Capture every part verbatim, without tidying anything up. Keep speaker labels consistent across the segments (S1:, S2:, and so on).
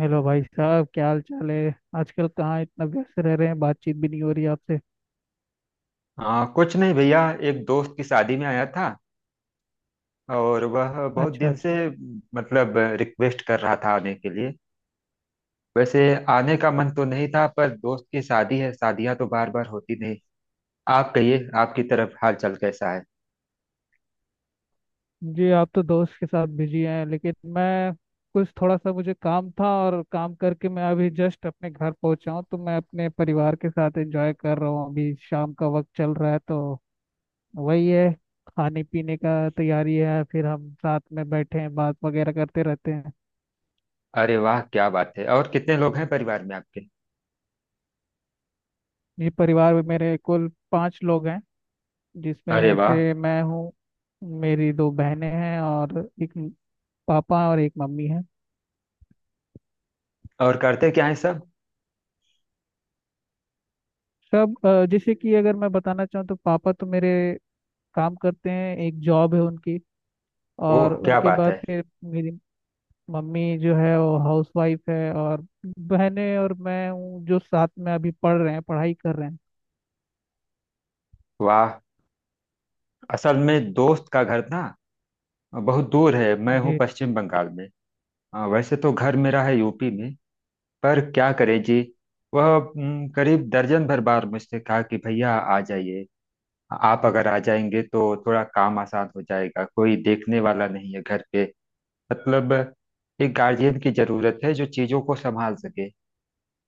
S1: Hello भाई साहब, क्या हाल चाल है। आजकल कहाँ इतना व्यस्त रह रहे हैं, बातचीत भी नहीं हो रही आपसे।
S2: हाँ कुछ नहीं भैया। एक दोस्त की शादी में आया था और वह बहुत
S1: अच्छा
S2: दिन
S1: अच्छा।
S2: से मतलब रिक्वेस्ट कर रहा था आने के लिए। वैसे आने का मन तो नहीं था, पर दोस्त की शादी है, शादियां तो बार बार होती नहीं। आप कहिए, आपकी तरफ हाल चाल कैसा है?
S1: जी आप तो दोस्त के साथ बिजी हैं, लेकिन मैं कुछ थोड़ा सा मुझे काम था और काम करके मैं अभी जस्ट अपने घर पहुंचा हूँ। तो मैं अपने परिवार के साथ एंजॉय कर रहा हूँ। अभी शाम का वक्त चल रहा है तो वही है, खाने पीने का तैयारी है, फिर हम साथ में बैठे हैं बात वगैरह करते रहते हैं।
S2: अरे वाह, क्या बात है! और कितने लोग हैं परिवार में आपके?
S1: जी परिवार में मेरे कुल पाँच लोग हैं,
S2: अरे
S1: जिसमें
S2: वाह!
S1: से मैं हूँ, मेरी दो बहनें हैं और एक म- पापा और एक मम्मी है।
S2: और करते क्या है सब?
S1: सब अ, जैसे कि अगर मैं बताना चाहूँ तो पापा तो मेरे काम करते हैं, एक जॉब है उनकी।
S2: ओह,
S1: और
S2: क्या
S1: उनके
S2: बात
S1: बाद
S2: है!
S1: फिर मेरी मम्मी जो है वो हाउस वाइफ है। और बहनें और मैं हूँ जो साथ में अभी पढ़ रहे हैं, पढ़ाई कर रहे हैं।
S2: वाह! असल में दोस्त का घर ना बहुत दूर है, मैं हूँ
S1: जी
S2: पश्चिम बंगाल में। हाँ, वैसे तो घर मेरा है यू पी में। पर क्या करें जी। वह हम्म, करीब दर्जन भर बार मुझसे कहा कि भैया आ जाइए, आप अगर आ जाएंगे तो थोड़ा काम आसान हो जाएगा, कोई देखने वाला नहीं है घर पे। मतलब एक गार्जियन की जरूरत है जो चीजों को संभाल सके।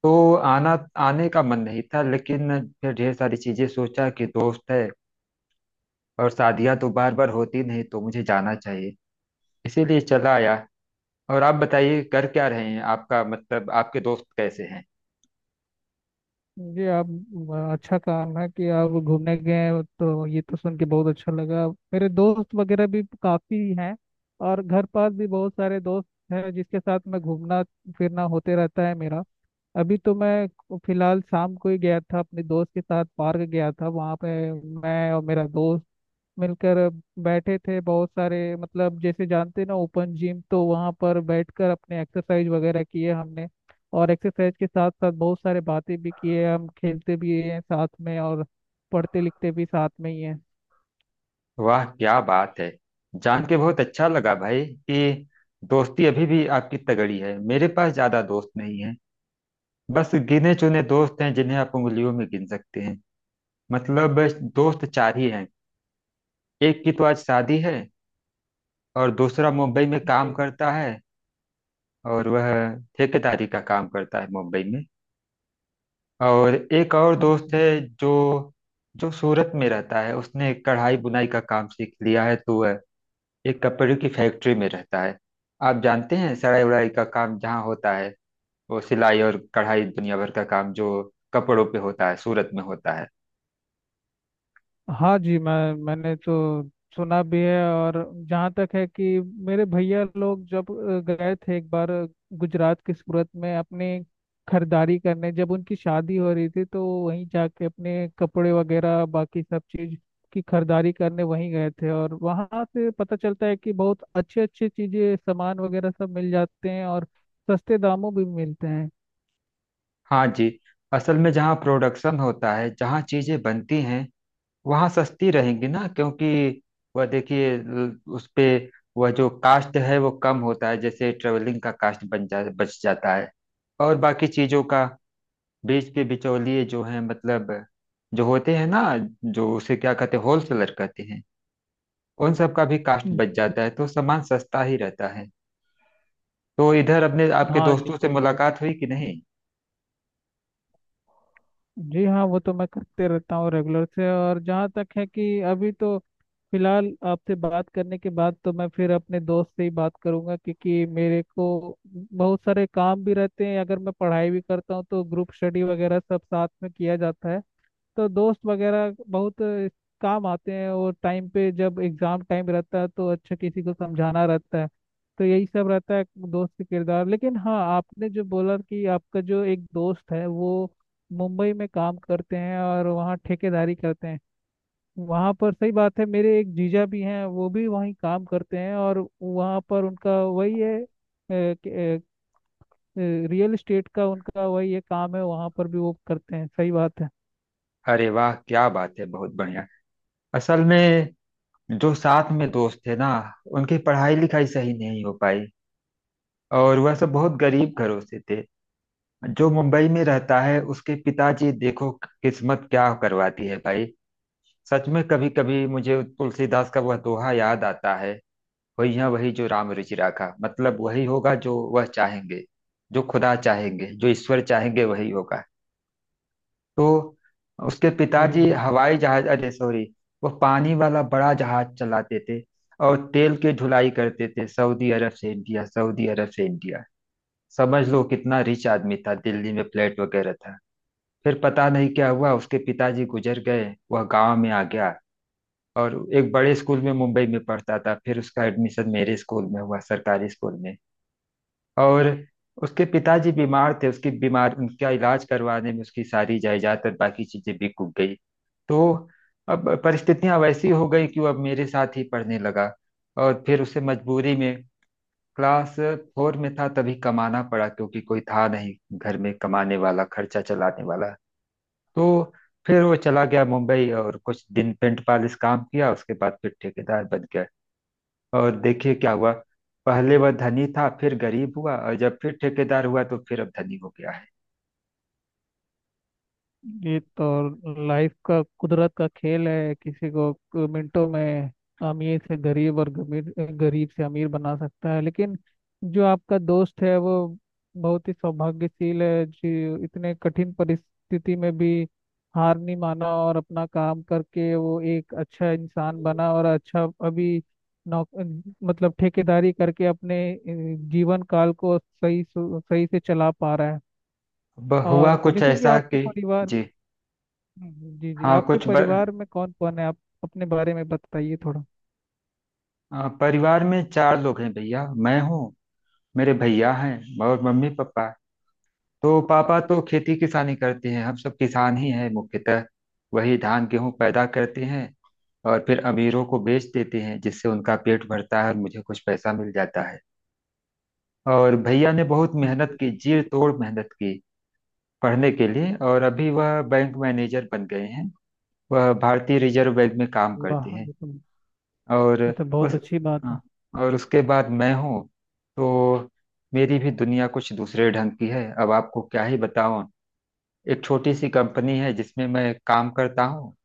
S2: तो आना आने का मन नहीं था, लेकिन फिर ढेर सारी चीजें सोचा कि दोस्त है और शादियां तो बार बार होती नहीं, तो मुझे जाना चाहिए, इसीलिए चला आया। और आप बताइए कर क्या रहे हैं, आपका मतलब आपके दोस्त कैसे हैं?
S1: जी। आप अ, अच्छा काम है कि आप घूमने गए हैं, तो ये तो सुन के बहुत अच्छा लगा। मेरे दोस्त वगैरह भी काफ़ी हैं और घर पास भी बहुत सारे दोस्त हैं जिसके साथ मैं घूमना फिरना होते रहता है मेरा। अभी तो मैं को- फिलहाल शाम को ही गया था अपने दोस्त के साथ, पार्क गया था। वहाँ पे मैं और मेरा दोस्त मिलकर अब बैठे थे। बहुत सारे मतलब जैसे जानते हैं ना ओपन जिम, तो वहाँ पर बैठकर अपने एक्सरसाइज वगैरह किए हमने। और एक्सरसाइज के साथ साथ बहुत सारे बातें भी किए। हम खेलते भी हैं साथ में और पढ़ते लिखते भी साथ में ही हैं।
S2: वाह, क्या बात है! जान के बहुत अच्छा लगा भाई कि दोस्ती अभी भी आपकी तगड़ी है। मेरे पास ज्यादा दोस्त नहीं है, बस गिने चुने दोस्त हैं जिन्हें आप उंगलियों में गिन सकते हैं। मतलब दोस्त चार ही हैं। एक की तो आज शादी है और दूसरा मुंबई में काम
S1: जी
S2: करता है, और वह ठेकेदारी का काम करता है मुंबई में। और एक और दोस्त है जो जो सूरत में रहता है, उसने कढ़ाई बुनाई का काम सीख लिया है तो वह एक कपड़े की फैक्ट्री में रहता है। आप जानते हैं सिलाई उड़ाई का काम जहाँ होता है, वो सिलाई और कढ़ाई, दुनिया भर का काम जो कपड़ों पे होता है, सूरत में होता है।
S1: हाँ जी, मैं मैंने तो सुना भी है। और जहाँ तक है कि मेरे भैया लोग जब अ, गए थे एक बार अ, गुजरात के सूरत में अपने खरीदारी करने, जब उनकी शादी हो रही थी, तो वहीं जाके अपने कपड़े वगैरह बाकी सब चीज़ की खरीदारी करने वहीं गए थे। और वहाँ से पता चलता है कि बहुत अच्छे अच्छे चीज़ें सामान वगैरह सब मिल जाते हैं और सस्ते दामों भी मिलते हैं।
S2: हाँ जी। असल में जहाँ प्रोडक्शन होता है, जहाँ चीजें बनती हैं, वहाँ सस्ती रहेंगी ना, क्योंकि वह देखिए ल- उस पे, वह जो कास्ट है वो कम होता है, जैसे ट्रेवलिंग का कास्ट बन जा बच जाता है। और बाकी चीजों का, बीच के बिचौलिए जो हैं, मतलब जो होते हैं ना, जो उसे क्या कहते हैं, होलसेलर कहते हैं, उन सब का भी कास्ट
S1: हम्म।
S2: बच जाता है, तो सामान सस्ता ही रहता है। तो इधर अपने आपके
S1: हाँ जी
S2: दोस्तों से
S1: भाई,
S2: मुलाकात हुई कि नहीं?
S1: जी हाँ वो तो मैं करते रहता हूँ रेगुलर से। और जहाँ तक है कि अभी तो फिलहाल आपसे बात करने के बाद तो मैं फिर अपने दोस्त से ही बात करूंगा, क्योंकि मेरे को बहुत सारे काम भी रहते हैं। अगर मैं पढ़ाई भी करता हूँ तो ग्रुप स्टडी वगैरह सब साथ में किया जाता है। तो दोस्त वगैरह बहुत काम आते हैं और टाइम पे जब एग्जाम टाइम रहता है तो अच्छा किसी को समझाना रहता है, तो यही सब रहता है दोस्त के किरदार। लेकिन हाँ, आपने जो बोला कि आपका जो एक दोस्त है वो मुंबई में काम करते हैं और वहाँ ठेकेदारी करते हैं, वहाँ पर सही बात है, मेरे एक जीजा भी हैं वो भी वहीं काम करते हैं। और वहाँ पर उनका वही है अ, कि- अ, अ, रियल एस्टेट का उनका वही है काम है, वहाँ पर भी वो करते हैं, सही बात है।
S2: अरे वाह, क्या बात है, बहुत बढ़िया! असल में जो साथ में दोस्त थे ना, उनकी पढ़ाई लिखाई सही नहीं हो पाई और वह सब बहुत गरीब घरों से थे। जो मुंबई में रहता है उसके पिताजी, देखो किस्मत क्या करवाती है भाई। सच में कभी कभी मुझे तुलसीदास का वह दोहा याद आता है। वही है, वही जो राम रुचि राखा, मतलब वही होगा जो वह चाहेंगे, जो खुदा चाहेंगे, जो ईश्वर चाहेंगे, वही होगा। तो उसके
S1: जी
S2: पिताजी
S1: जी,
S2: हवाई जहाज, अरे सॉरी, वह पानी वाला बड़ा जहाज चलाते थे और तेल की ढुलाई करते थे, सऊदी अरब से इंडिया, सऊदी अरब से इंडिया। समझ लो कितना रिच आदमी था, दिल्ली में फ्लैट वगैरह था। फिर पता नहीं क्या हुआ, उसके पिताजी गुजर गए, वह गांव में आ गया। और एक बड़े स्कूल में मुंबई में पढ़ता था, फिर उसका एडमिशन मेरे स्कूल में हुआ, सरकारी स्कूल में। और उसके पिताजी बीमार थे, उसकी बीमार उनका इलाज करवाने में उसकी सारी जायदाद और बाकी चीजें भी कूद गई। तो अब परिस्थितियां वैसी हो गई कि वो अब मेरे साथ ही पढ़ने लगा, और फिर उसे मजबूरी में क्लास फोर में था तभी कमाना पड़ा, क्योंकि कोई था नहीं घर में कमाने वाला, खर्चा चलाने वाला। तो फिर वो चला गया मुंबई, और कुछ दिन पेंट पालिश काम किया, उसके बाद फिर ठेकेदार बन गया। और देखिए क्या हुआ, पहले वह धनी था, फिर गरीब हुआ, और जब फिर ठेकेदार हुआ तो फिर अब धनी हो गया है।
S1: ये तो लाइफ का कुदरत का खेल है, किसी को क- मिनटों में अमीर से गरीब और गमीर गरीब से अमीर बना सकता है। लेकिन जो आपका दोस्त है वो बहुत ही सौभाग्यशील है जी, इतने कठिन परिस्थिति में भी हार नहीं माना और अपना काम करके वो एक अच्छा इंसान बना। और अच्छा, अभी नौ मतलब ठेकेदारी करके अपने अ, जीवन काल को सही सु- सही से चला पा रहा है।
S2: अब हुआ
S1: और
S2: कुछ
S1: जैसे कि
S2: ऐसा
S1: आपके
S2: कि
S1: परिवार।
S2: जी
S1: हम्म, जी जी,
S2: हाँ,
S1: आपके
S2: कुछ ब,
S1: परिवार में कौन कौन है, आप अपने बारे में बताइए थोड़ा।
S2: अ, परिवार में चार लोग हैं भैया, मैं हूँ, मेरे भैया हैं और मम्मी पापा। तो पापा तो खेती किसानी करते हैं, हम सब किसान ही हैं मुख्यतः, वही धान गेहूं पैदा करते हैं और फिर अमीरों को बेच देते हैं, जिससे उनका पेट भरता है और मुझे कुछ पैसा मिल जाता है। और भैया ने बहुत मेहनत
S1: जी,
S2: की,
S1: जी।
S2: जी तोड़ मेहनत की पढ़ने के लिए, और अभी वह बैंक मैनेजर बन गए हैं, वह भारतीय रिजर्व बैंक में काम
S1: जी,
S2: करते
S1: वाह,
S2: हैं।
S1: ये तो
S2: और
S1: ये तो
S2: उस
S1: बहुत अच्छी बात है।
S2: हाँ, और उसके बाद मैं हूँ। तो मेरी भी दुनिया कुछ दूसरे ढंग की है, अब आपको क्या ही बताऊं। एक छोटी सी कंपनी है जिसमें मैं काम करता हूँ,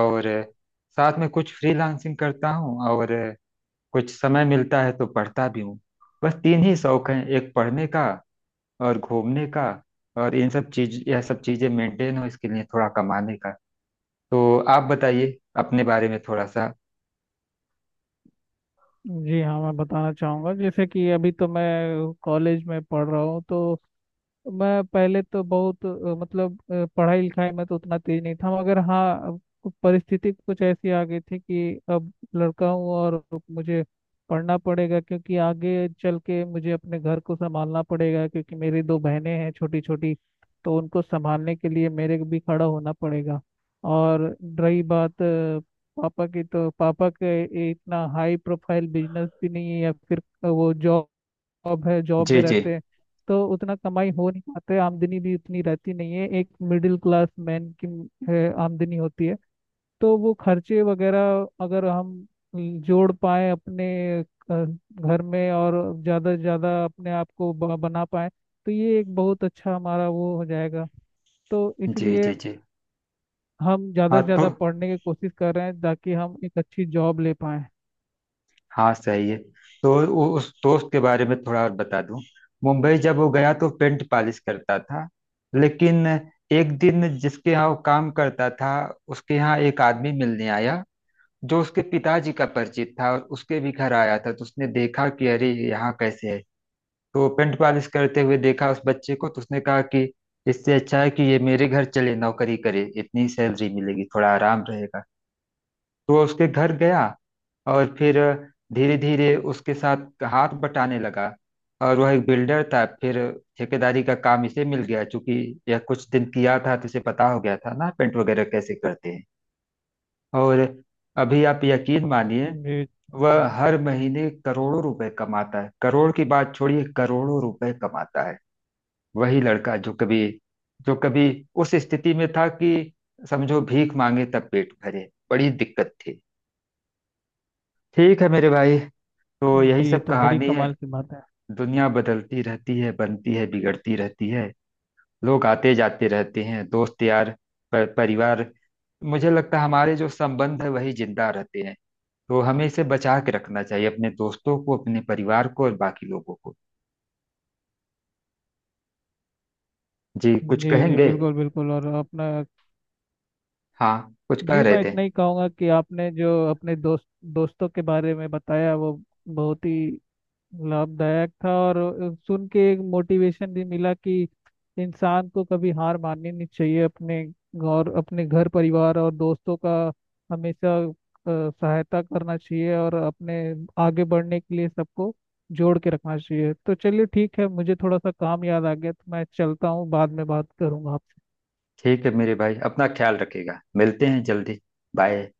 S2: और साथ में कुछ फ्रीलांसिंग करता हूँ, और कुछ समय मिलता है तो पढ़ता भी हूँ। बस तीन ही शौक हैं, एक पढ़ने का और घूमने का, और इन सब चीज यह सब चीजें मेंटेन हो, इसके लिए थोड़ा कमाने का। तो आप बताइए अपने बारे में थोड़ा सा।
S1: जी हाँ, मैं बताना चाहूँगा, जैसे कि अभी तो मैं कॉलेज में पढ़ रहा हूँ, तो मैं पहले तो बहुत अ, मतलब अ, पढ़ाई लिखाई में तो उतना तेज नहीं था। मगर हाँ, अब कु- परिस्थिति कुछ ऐसी आ गई थी कि अब लड़का हूँ और मुझे पढ़ना पड़ेगा, क्योंकि आगे चल के मुझे अपने घर को संभालना पड़ेगा, क्योंकि मेरी दो बहनें हैं छोटी छोटी, तो उनको संभालने के लिए मेरे को भी खड़ा होना पड़ेगा। और रही बात अ, पापा की, तो पापा के इतना हाई प्रोफाइल बिजनेस भी नहीं है, या फिर वो जॉब जॉब है, जॉब
S2: जी
S1: में
S2: जी
S1: रहते हैं। तो उतना कमाई हो नहीं पाते, आमदनी भी उतनी रहती नहीं है, एक मिडिल क्लास मैन की है, आमदनी होती है। तो वो खर्चे वगैरह अगर हम जोड़ पाए अपने अ, घर में और ज़्यादा से ज़्यादा अपने आप को ब- बना पाए, तो ये एक बहुत अच्छा हमारा वो हो जाएगा। तो
S2: जी।
S1: इसलिए
S2: जी जी।
S1: हम ज़्यादा
S2: हाँ
S1: से
S2: तो
S1: ज़्यादा पढ़ने की कोशिश कर रहे हैं, ताकि हम एक अच्छी जॉब ले पाएँ।
S2: हाँ, सही है। तो उ- उस दोस्त के बारे में थोड़ा और बता दूं। मुंबई जब वो गया तो पेंट पॉलिश करता था, लेकिन एक दिन जिसके यहाँ वो काम करता था, उसके यहाँ एक आदमी मिलने आया, जो उसके पिताजी का परिचित था और उसके भी घर आया था, तो उसने देखा कि अरे यहाँ कैसे है। तो पेंट पॉलिश करते हुए देखा उस बच्चे को तो उसने कहा कि इससे अच्छा है कि ये मेरे घर चले, नौकरी करे, इतनी सैलरी मिलेगी, थोड़ा आराम रहेगा। तो वह उसके घर गया, और फिर धीरे धीरे उसके साथ हाथ बटाने लगा। और वह एक बिल्डर था, फिर ठेकेदारी का काम इसे मिल गया, चूंकि यह कुछ दिन किया था तो इसे पता हो गया था ना पेंट वगैरह कैसे करते हैं। और अभी आप यकीन मानिए,
S1: जी
S2: वह हर महीने करोड़ों रुपए कमाता है, करोड़ की बात छोड़िए, करोड़ों रुपए कमाता है। वही लड़का, जो कभी जो कभी उस स्थिति में था कि समझो भीख मांगे तब पेट भरे, बड़ी दिक्कत थी। ठीक है मेरे भाई, तो यही
S1: जी, ये
S2: सब
S1: तो बड़ी
S2: कहानी है।
S1: कमाल की बात है।
S2: दुनिया बदलती रहती है, बनती है, बिगड़ती रहती है, लोग आते जाते रहते हैं, दोस्त यार, पर परिवार, मुझे लगता है हमारे जो संबंध है वही जिंदा रहते हैं। तो हमें इसे बचा के रखना चाहिए, अपने दोस्तों को, अपने परिवार को और बाकी लोगों को। जी कुछ
S1: जी जी
S2: कहेंगे?
S1: बिल्कुल बिल्कुल। और अपना,
S2: हाँ, कुछ कह
S1: जी
S2: रहे
S1: मैं
S2: थे?
S1: इतना ही कहूँगा कि आपने जो अपने दोस्त दोस्तों के बारे में बताया वो बहुत ही लाभदायक था। और अ, सुन के एक मोटिवेशन भी मिला कि इंसान को कभी हार माननी नहीं चाहिए। अपने और अपने घर परिवार और दोस्तों का हमेशा अ, सहायता करना चाहिए और अपने आगे बढ़ने के लिए सबको जोड़ के रखना चाहिए। तो चलिए ठीक है, मुझे थोड़ा सा काम याद आ गया तो मैं चलता हूँ, बाद में बात करूँगा आपसे।
S2: ठीक है मेरे भाई, अपना ख्याल रखिएगा, मिलते हैं जल्दी। बाय।